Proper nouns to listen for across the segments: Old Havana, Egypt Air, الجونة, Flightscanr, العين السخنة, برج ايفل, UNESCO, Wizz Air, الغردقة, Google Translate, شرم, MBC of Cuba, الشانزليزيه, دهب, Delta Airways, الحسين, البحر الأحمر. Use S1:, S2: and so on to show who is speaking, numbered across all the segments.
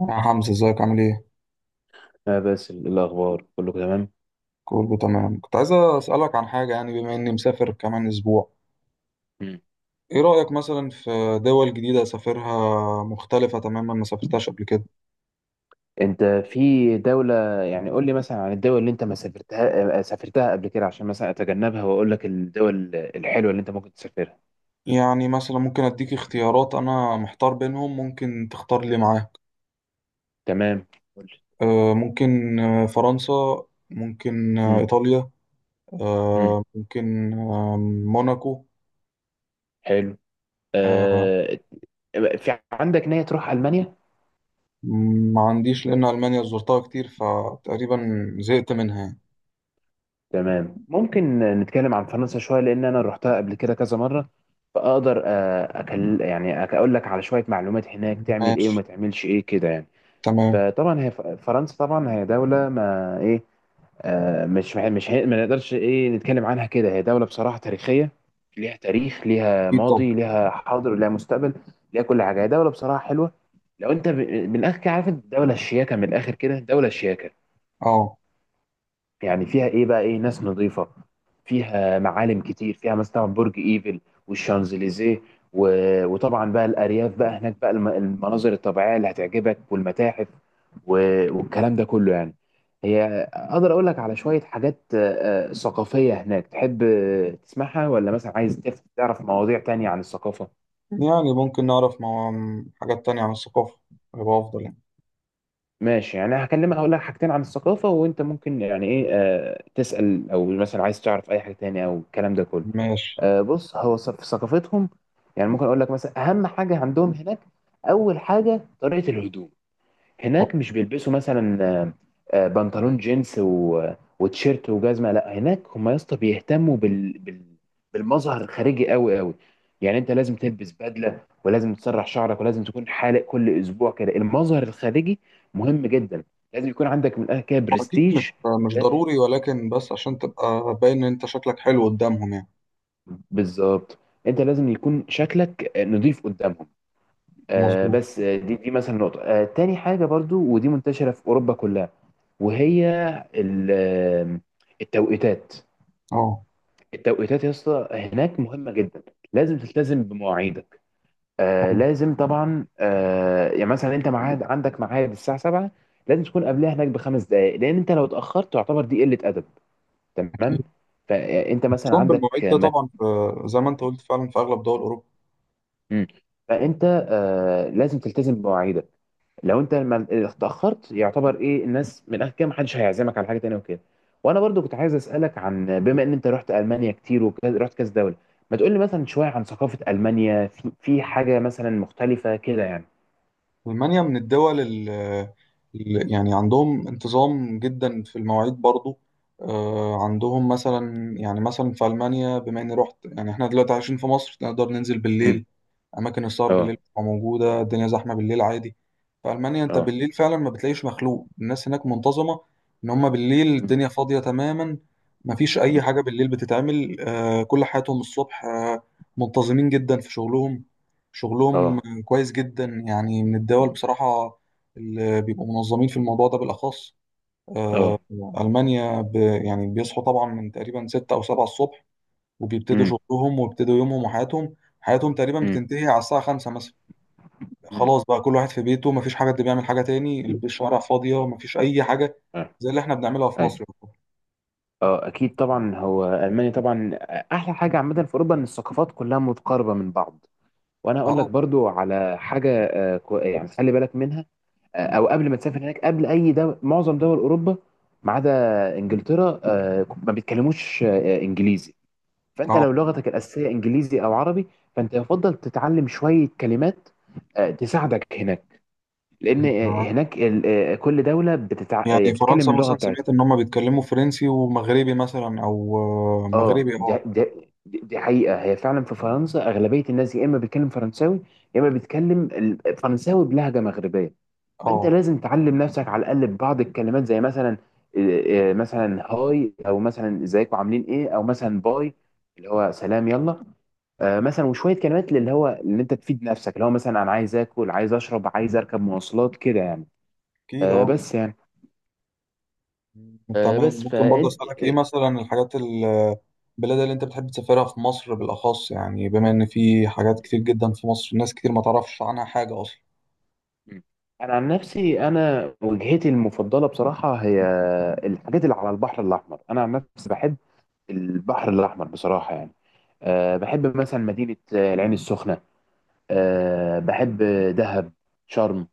S1: يا حمزة، ازيك؟ عامل ايه؟
S2: لا، بس الأخبار كله تمام.
S1: كله تمام. كنت عايز اسألك عن حاجة، يعني بما اني مسافر كمان اسبوع.
S2: مم.
S1: ايه رأيك مثلا في دول جديدة اسافرها مختلفة تماما ما سافرتهاش قبل كده؟
S2: أنت في دولة. يعني قول لي مثلا عن الدول اللي أنت ما سافرتها، سافرتها قبل كده عشان مثلا أتجنبها وأقول لك الدول الحلوة اللي أنت ممكن تسافرها.
S1: يعني مثلا ممكن اديك اختيارات، انا محتار بينهم، ممكن تختار لي معاك.
S2: تمام، قول لي.
S1: ممكن فرنسا. ممكن
S2: مم.
S1: ايطاليا.
S2: مم.
S1: ممكن موناكو.
S2: حلو.
S1: آه،
S2: آه... في عندك نية تروح ألمانيا؟
S1: ما عنديش لان المانيا زرتها كتير فتقريبا زهقت منها يعني.
S2: تمام، ممكن نتكلم عن فرنسا شوية لأن أنا روحتها قبل كده كذا مرة، فأقدر أكل يعني أقول لك على شوية معلومات هناك تعمل إيه
S1: ماشي.
S2: وما تعملش إيه كده يعني.
S1: تمام.
S2: فطبعا هي فرنسا طبعا هي دولة ما ايه، آه مش ما نقدرش ايه نتكلم عنها كده. هي دولة بصراحة تاريخية، ليها تاريخ ليها
S1: ايه طب.
S2: ماضي ليها حاضر ليها مستقبل، ليها كل حاجة. هي دولة بصراحة حلوة. لو انت من الاخر كده عارف الدولة الشياكة، من الاخر كده دولة شياكة.
S1: اه.
S2: يعني فيها ايه بقى، ايه، ناس نظيفة، فيها معالم كتير، فيها مثلا برج ايفل والشانزليزيه، وطبعا بقى الارياف بقى هناك بقى المناظر الطبيعية اللي هتعجبك والمتاحف والكلام ده كله يعني. هي اقدر اقول لك على شوية حاجات ثقافية هناك، تحب تسمعها ولا مثلا عايز تعرف مواضيع تانية عن الثقافة؟
S1: يعني ممكن نعرف مع حاجات تانية عن الثقافة، يبقى أفضل يعني.
S2: ماشي، يعني هكلمك هقول لك حاجتين عن الثقافة وانت ممكن يعني ايه تسأل او مثلا عايز تعرف اي حاجة تانية او الكلام ده كله.
S1: ماشي.
S2: بص، هو في ثقافتهم يعني ممكن اقول لك مثلا اهم حاجه عندهم هناك، اول حاجه طريقه الهدوم.
S1: هو
S2: هناك مش بيلبسوا مثلا بنطلون جينز وتيشيرت وجزمه. لا، هناك هم يا اسطى بيهتموا بالمظهر الخارجي قوي قوي. يعني انت لازم تلبس بدله ولازم تسرح شعرك ولازم تكون حالق كل اسبوع كده. المظهر الخارجي مهم جدا، لازم يكون عندك من الآخر كده
S1: أكيد
S2: برستيج.
S1: مش
S2: لا،
S1: ضروري ولكن بس عشان تبقى باين إن أنت شكلك حلو قدامهم يعني.
S2: بالظبط، انت لازم يكون شكلك نظيف قدامهم.
S1: مظبوط.
S2: بس دي مثلا نقطة تاني حاجة برضو، ودي منتشرة في أوروبا كلها. وهي ال- آه، التوقيتات.
S1: أه.
S2: التوقيتات يا اسطى هناك مهمة جدا، لازم تلتزم بمواعيدك.
S1: طبعاً.
S2: لازم طبعا يعني مثلا انت معاد عندك ميعاد الساعة 7، لازم تكون قبلها هناك بخمس دقائق، لأن انت لو اتأخرت تعتبر دي قلة أدب. تمام.
S1: أكيد.
S2: فانت مثلا
S1: النظام
S2: عندك
S1: بالمواعيد ده طبعا في، زي ما أنت قلت، فعلا في أغلب دول أوروبا.
S2: مم. فانت لازم تلتزم بمواعيدك، لو انت لما اتاخرت يعتبر ايه الناس من الاخر كده محدش هيعزمك على حاجه تانية وكده. وانا برضو كنت عايز اسالك، عن بما ان انت رحت المانيا كتير ورحت كذا دوله، ما تقول لي مثلا شويه عن ثقافه المانيا، في حاجه مثلا مختلفه كده يعني؟
S1: ألمانيا من الدول اللي يعني عندهم انتظام جدا في المواعيد برضو. عندهم مثلا، يعني مثلا في ألمانيا بما إني رحت، يعني إحنا دلوقتي عايشين في مصر نقدر ننزل
S2: مم.
S1: بالليل. اماكن السهر بالليل
S2: اه.
S1: بتبقى موجوده، الدنيا زحمه بالليل عادي. في المانيا انت
S2: اه.
S1: بالليل فعلا ما بتلاقيش مخلوق، الناس هناك منتظمه. ان هم بالليل
S2: مم.
S1: الدنيا فاضيه تماما. ما فيش اي
S2: مم.
S1: حاجه بالليل بتتعمل. كل حياتهم الصبح. منتظمين جدا في شغلهم. شغلهم
S2: اه.
S1: كويس جدا يعني، من الدول
S2: مم.
S1: بصراحه اللي بيبقوا منظمين في الموضوع ده بالاخص.
S2: اه.
S1: المانيا يعني بيصحوا طبعا من تقريبا 6 او 7 الصبح، وبيبتدوا
S2: مم.
S1: شغلهم ويبتدوا يومهم وحياتهم. حياتهم تقريبا
S2: مم.
S1: بتنتهي على الساعه 5 مثلا.
S2: مم.
S1: خلاص بقى، كل واحد في بيته مفيش حاجة، حد بيعمل حاجة تاني، الشوارع فاضية
S2: مم.
S1: مفيش أي حاجة.
S2: اه.
S1: زي اللي احنا بنعملها في
S2: ايوه.
S1: مصر.
S2: اه اكيد طبعا، هو المانيا طبعا، احلى حاجه عامه في اوروبا ان الثقافات كلها متقاربه من بعض. وانا
S1: اه.
S2: هقول لك برضو على حاجه يعني خلي بالك منها، او قبل ما تسافر هناك، قبل اي دول معظم دول اوروبا ما عدا انجلترا، ما بيتكلموش انجليزي. فانت
S1: اه.
S2: لو لغتك الاساسيه انجليزي او عربي، فانت يفضل تتعلم شويه كلمات تساعدك هناك، لان
S1: آه.
S2: هناك كل دوله بتتع... آه،
S1: يعني
S2: بتتكلم
S1: فرنسا
S2: اللغه
S1: مثلا
S2: بتاعتها.
S1: سمعت إن هما بيتكلموا فرنسي ومغربي مثلا، أو
S2: اه،
S1: مغربي.
S2: دي,
S1: اه.
S2: دي, دي دي حقيقه، هي فعلا في فرنسا اغلبيه الناس يا اما بيتكلم فرنساوي يا اما بيتكلم فرنساوي بلهجه مغربيه. فانت
S1: اه.
S2: لازم تعلم نفسك على الاقل ببعض الكلمات، زي مثلا إيه، إيه، مثلا هاي او مثلا ازيكم عاملين ايه او مثلا باي اللي هو سلام يلا. مثلا وشويه كلمات اللي هو اللي انت تفيد نفسك اللي هو مثلا انا عايز اكل عايز اشرب عايز اركب مواصلات كده يعني.
S1: أكيد.
S2: آه،
S1: اه.
S2: بس يعني
S1: تمام.
S2: بس
S1: ممكن برضه
S2: فانت
S1: أسألك إيه مثلا الحاجات البلاد اللي أنت بتحب تسافرها في مصر بالأخص، يعني بما إن في حاجات كتير جدا في مصر ناس كتير ما تعرفش عنها حاجة أصلا.
S2: انا عن نفسي، انا وجهتي المفضله بصراحه هي الحاجات اللي على البحر الاحمر. انا عن نفسي بحب البحر الاحمر بصراحه يعني. أه بحب مثلا مدينه العين السخنه. أه بحب دهب، شرم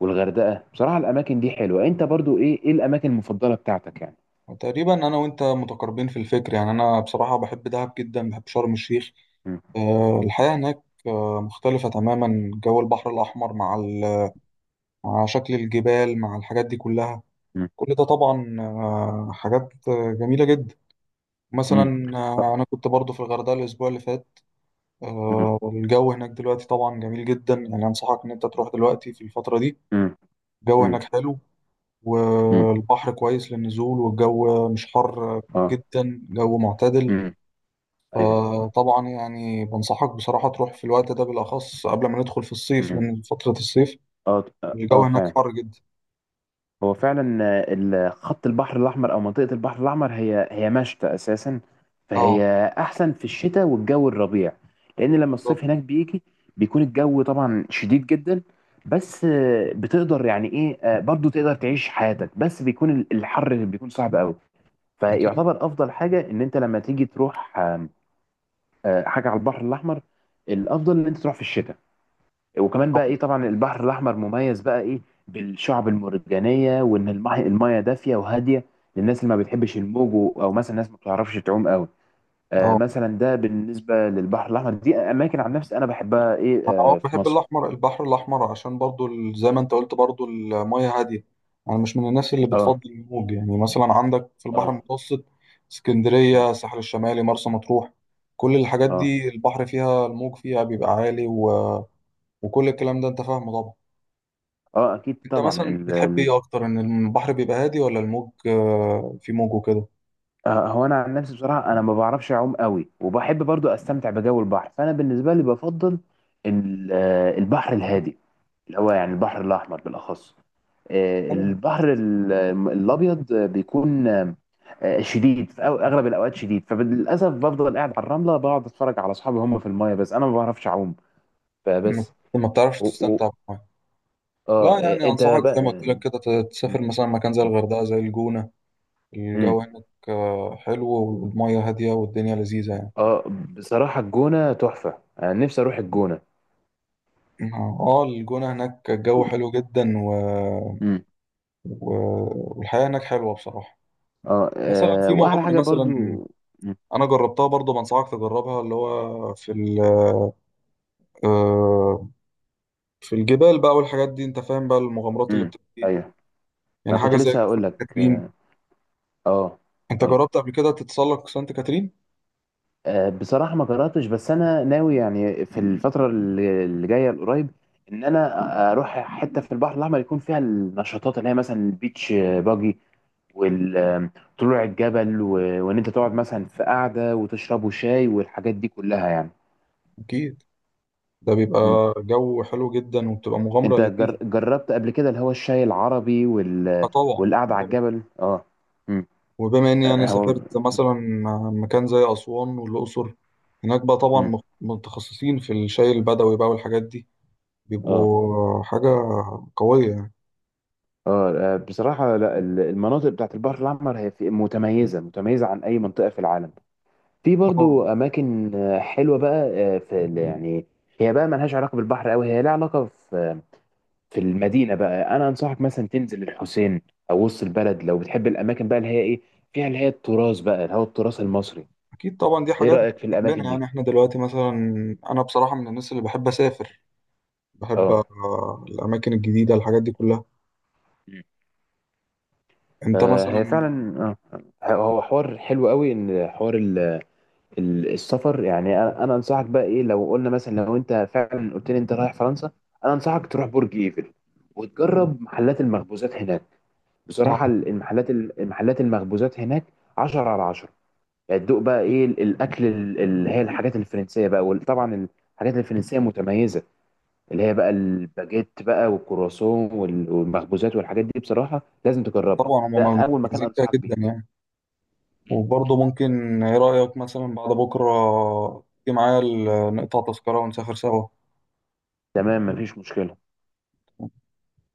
S2: والغردقة. بصراحة الأماكن دي حلوة. أنت برضو إيه، إيه الأماكن المفضلة بتاعتك يعني؟
S1: تقريبا انا وانت متقاربين في الفكر، يعني انا بصراحه بحب دهب جدا، بحب شرم الشيخ.
S2: مم.
S1: الحياه هناك مختلفه تماما. جو البحر الاحمر مع مع شكل الجبال مع الحاجات دي كلها.
S2: مم.
S1: كل ده طبعا حاجات جميله جدا.
S2: مم.
S1: مثلا
S2: آه.
S1: انا كنت برضو في الغردقه الاسبوع اللي فات.
S2: مم.
S1: الجو هناك دلوقتي طبعا جميل جدا، يعني انصحك ان انت تروح دلوقتي في الفتره دي.
S2: مم.
S1: الجو
S2: مم.
S1: هناك حلو،
S2: مم.
S1: والبحر كويس للنزول، والجو مش حر
S2: آه.
S1: جدا، جو معتدل.
S2: مم. أيوه.
S1: فطبعا يعني بنصحك بصراحة تروح في الوقت ده بالأخص قبل ما ندخل في الصيف،
S2: مم.
S1: لأن فترة الصيف
S2: آه.
S1: الجو
S2: آه
S1: هناك
S2: فعلا،
S1: حر جدا.
S2: هو فعلا خط البحر الأحمر أو منطقة البحر الأحمر هي هي مشتى أساسا،
S1: اه.
S2: فهي أحسن في الشتاء والجو الربيع، لأن لما
S1: بالظبط.
S2: الصيف هناك بيجي بيكون الجو طبعا شديد جدا. بس بتقدر يعني إيه برضو تقدر تعيش حياتك، بس بيكون الحر اللي بيكون صعب قوي.
S1: أكيد.
S2: فيعتبر أفضل حاجة إن أنت لما تيجي تروح حاجة على البحر الأحمر، الأفضل إن أنت تروح في الشتاء. وكمان
S1: اه.
S2: بقى ايه، طبعا البحر الاحمر مميز بقى ايه بالشعب المرجانيه، وان الماء المايه دافيه وهاديه للناس اللي ما بتحبش الموج او مثلا الناس ما بتعرفش تعوم قوي.
S1: آه.
S2: مثلا ده بالنسبه للبحر الاحمر، دي اماكن عن نفسي انا بحبها ايه
S1: أنا
S2: في
S1: بحب
S2: مصر.
S1: الأحمر، البحر الأحمر عشان برضو زي ما أنت قلت برضو، المياه هادية. أنا مش من الناس اللي
S2: اه.
S1: بتفضل الموج. يعني مثلا عندك في البحر
S2: اه.
S1: المتوسط اسكندرية، الساحل الشمالي، مرسى مطروح، كل الحاجات
S2: اه.
S1: دي البحر فيها، الموج فيها بيبقى عالي وكل الكلام ده أنت فاهمه طبعا.
S2: اه اكيد
S1: انت
S2: طبعا،
S1: مثلا
S2: ال
S1: بتحب
S2: ال
S1: ايه اكتر؟ ان البحر بيبقى هادي، ولا الموج في موج وكده؟
S2: آه هو انا عن نفسي بصراحه انا ما بعرفش اعوم قوي وبحب برضو استمتع بجو البحر، فانا بالنسبه لي بفضل البحر الهادي اللي هو يعني البحر الاحمر بالاخص.
S1: تمام.
S2: البحر الابيض بيكون شديد، في اغلب الاوقات شديد، فللاسف بفضل قاعد على الرمله بقعد اتفرج على اصحابي هم في المايه بس انا ما بعرفش اعوم.
S1: ما
S2: فبس
S1: ما بتعرفش
S2: و... و...
S1: تستمتع بالميه.
S2: اه.
S1: لا، يعني
S2: انت
S1: انصحك
S2: بقى.
S1: زي ما قلت لك كده تسافر مثلا مكان زي الغردقه، زي الجونه.
S2: مم.
S1: الجو هناك حلو، والميه هاديه، والدنيا لذيذه يعني.
S2: اه بصراحه الجونه تحفه، انا نفسي اروح الجونه.
S1: اه. الجونه هناك الجو حلو جدا
S2: مم.
S1: و... والحياه هناك حلوه بصراحه.
S2: اه
S1: مثلا في
S2: واحلى
S1: مغامره
S2: حاجه برضو.
S1: مثلا.
S2: مم.
S1: انا جربتها برضه، بنصحك تجربها، اللي هو في ال... آه، في الجبال بقى والحاجات دي انت فاهم بقى المغامرات اللي
S2: مم.
S1: بتبقى فيها.
S2: ايوه. ما
S1: يعني
S2: كنت
S1: حاجه زي
S2: لسه هقول
S1: سانت
S2: لك
S1: كاترين.
S2: اه. آه،
S1: انت
S2: ايوه.
S1: جربت قبل كده تتسلق سانت كاترين؟
S2: بصراحة ما قرأتش، بس أنا ناوي يعني في الفترة اللي جاية القريب إن أنا أروح حتة في البحر الأحمر يكون فيها النشاطات اللي هي مثلا البيتش باجي وطلوع الجبل وإن أنت تقعد مثلا في قعدة وتشربوا شاي والحاجات دي كلها يعني.
S1: اكيد. ده بيبقى
S2: مم.
S1: جو حلو جدا، وبتبقى مغامره
S2: أنت
S1: لذيذه.
S2: جربت قبل كده اللي هو الشاي العربي
S1: اه. طبعا
S2: والقعدة على
S1: طبعا.
S2: الجبل؟ أه. مم.
S1: وبما اني يعني
S2: هو.
S1: سافرت مثلا مكان زي اسوان والاقصر، هناك بقى طبعا
S2: مم.
S1: متخصصين في الشاي البدوي بقى والحاجات دي،
S2: أه.
S1: بيبقوا حاجه قويه يعني.
S2: اه بصراحة لا، المناطق بتاعت البحر الأحمر هي متميزة متميزة عن أي منطقة في العالم. في
S1: اه.
S2: برضو اماكن حلوه بقى، يعني هي بقى ملهاش علاقه بالبحر قوي، هي لها علاقه في في المدينه بقى. انا انصحك مثلا تنزل الحسين او وسط البلد لو بتحب الاماكن بقى اللي هي ايه فيها اللي هي التراث بقى اللي هو التراث المصري.
S1: اكيد طبعا دي
S2: ايه
S1: حاجات
S2: رايك في
S1: جنبنا،
S2: الاماكن
S1: يعني
S2: دي؟
S1: احنا دلوقتي مثلا انا بصراحه من الناس اللي بحب اسافر، بحب
S2: اه.
S1: الأماكن الجديدة الحاجات دي كلها.
S2: مم.
S1: أنت
S2: هي
S1: مثلا
S2: فعلا هو حوار حلو قوي، ان حوار السفر يعني. انا انصحك بقى ايه، لو قلنا مثلا لو انت فعلا قلت لي انت رايح فرنسا، انا انصحك تروح برج ايفل، وتجرب محلات المخبوزات هناك. بصراحة
S1: آه،
S2: المحلات المخبوزات هناك 10 على 10، يعني تدوق بقى ايه الاكل اللي هي الحاجات الفرنسية بقى. وطبعا الحاجات الفرنسية متميزة، اللي هي بقى الباجيت بقى والكرواسون والمخبوزات والحاجات دي بصراحة لازم تجربها.
S1: طبعا هما
S2: ده اول مكان
S1: مميزين فيها
S2: انصحك بيه.
S1: جدا يعني. وبرضه ممكن إيه رأيك مثلا بعد بكرة تيجي معايا نقطع تذكرة ونسافر سوا؟
S2: تمام، مفيش مشكلة.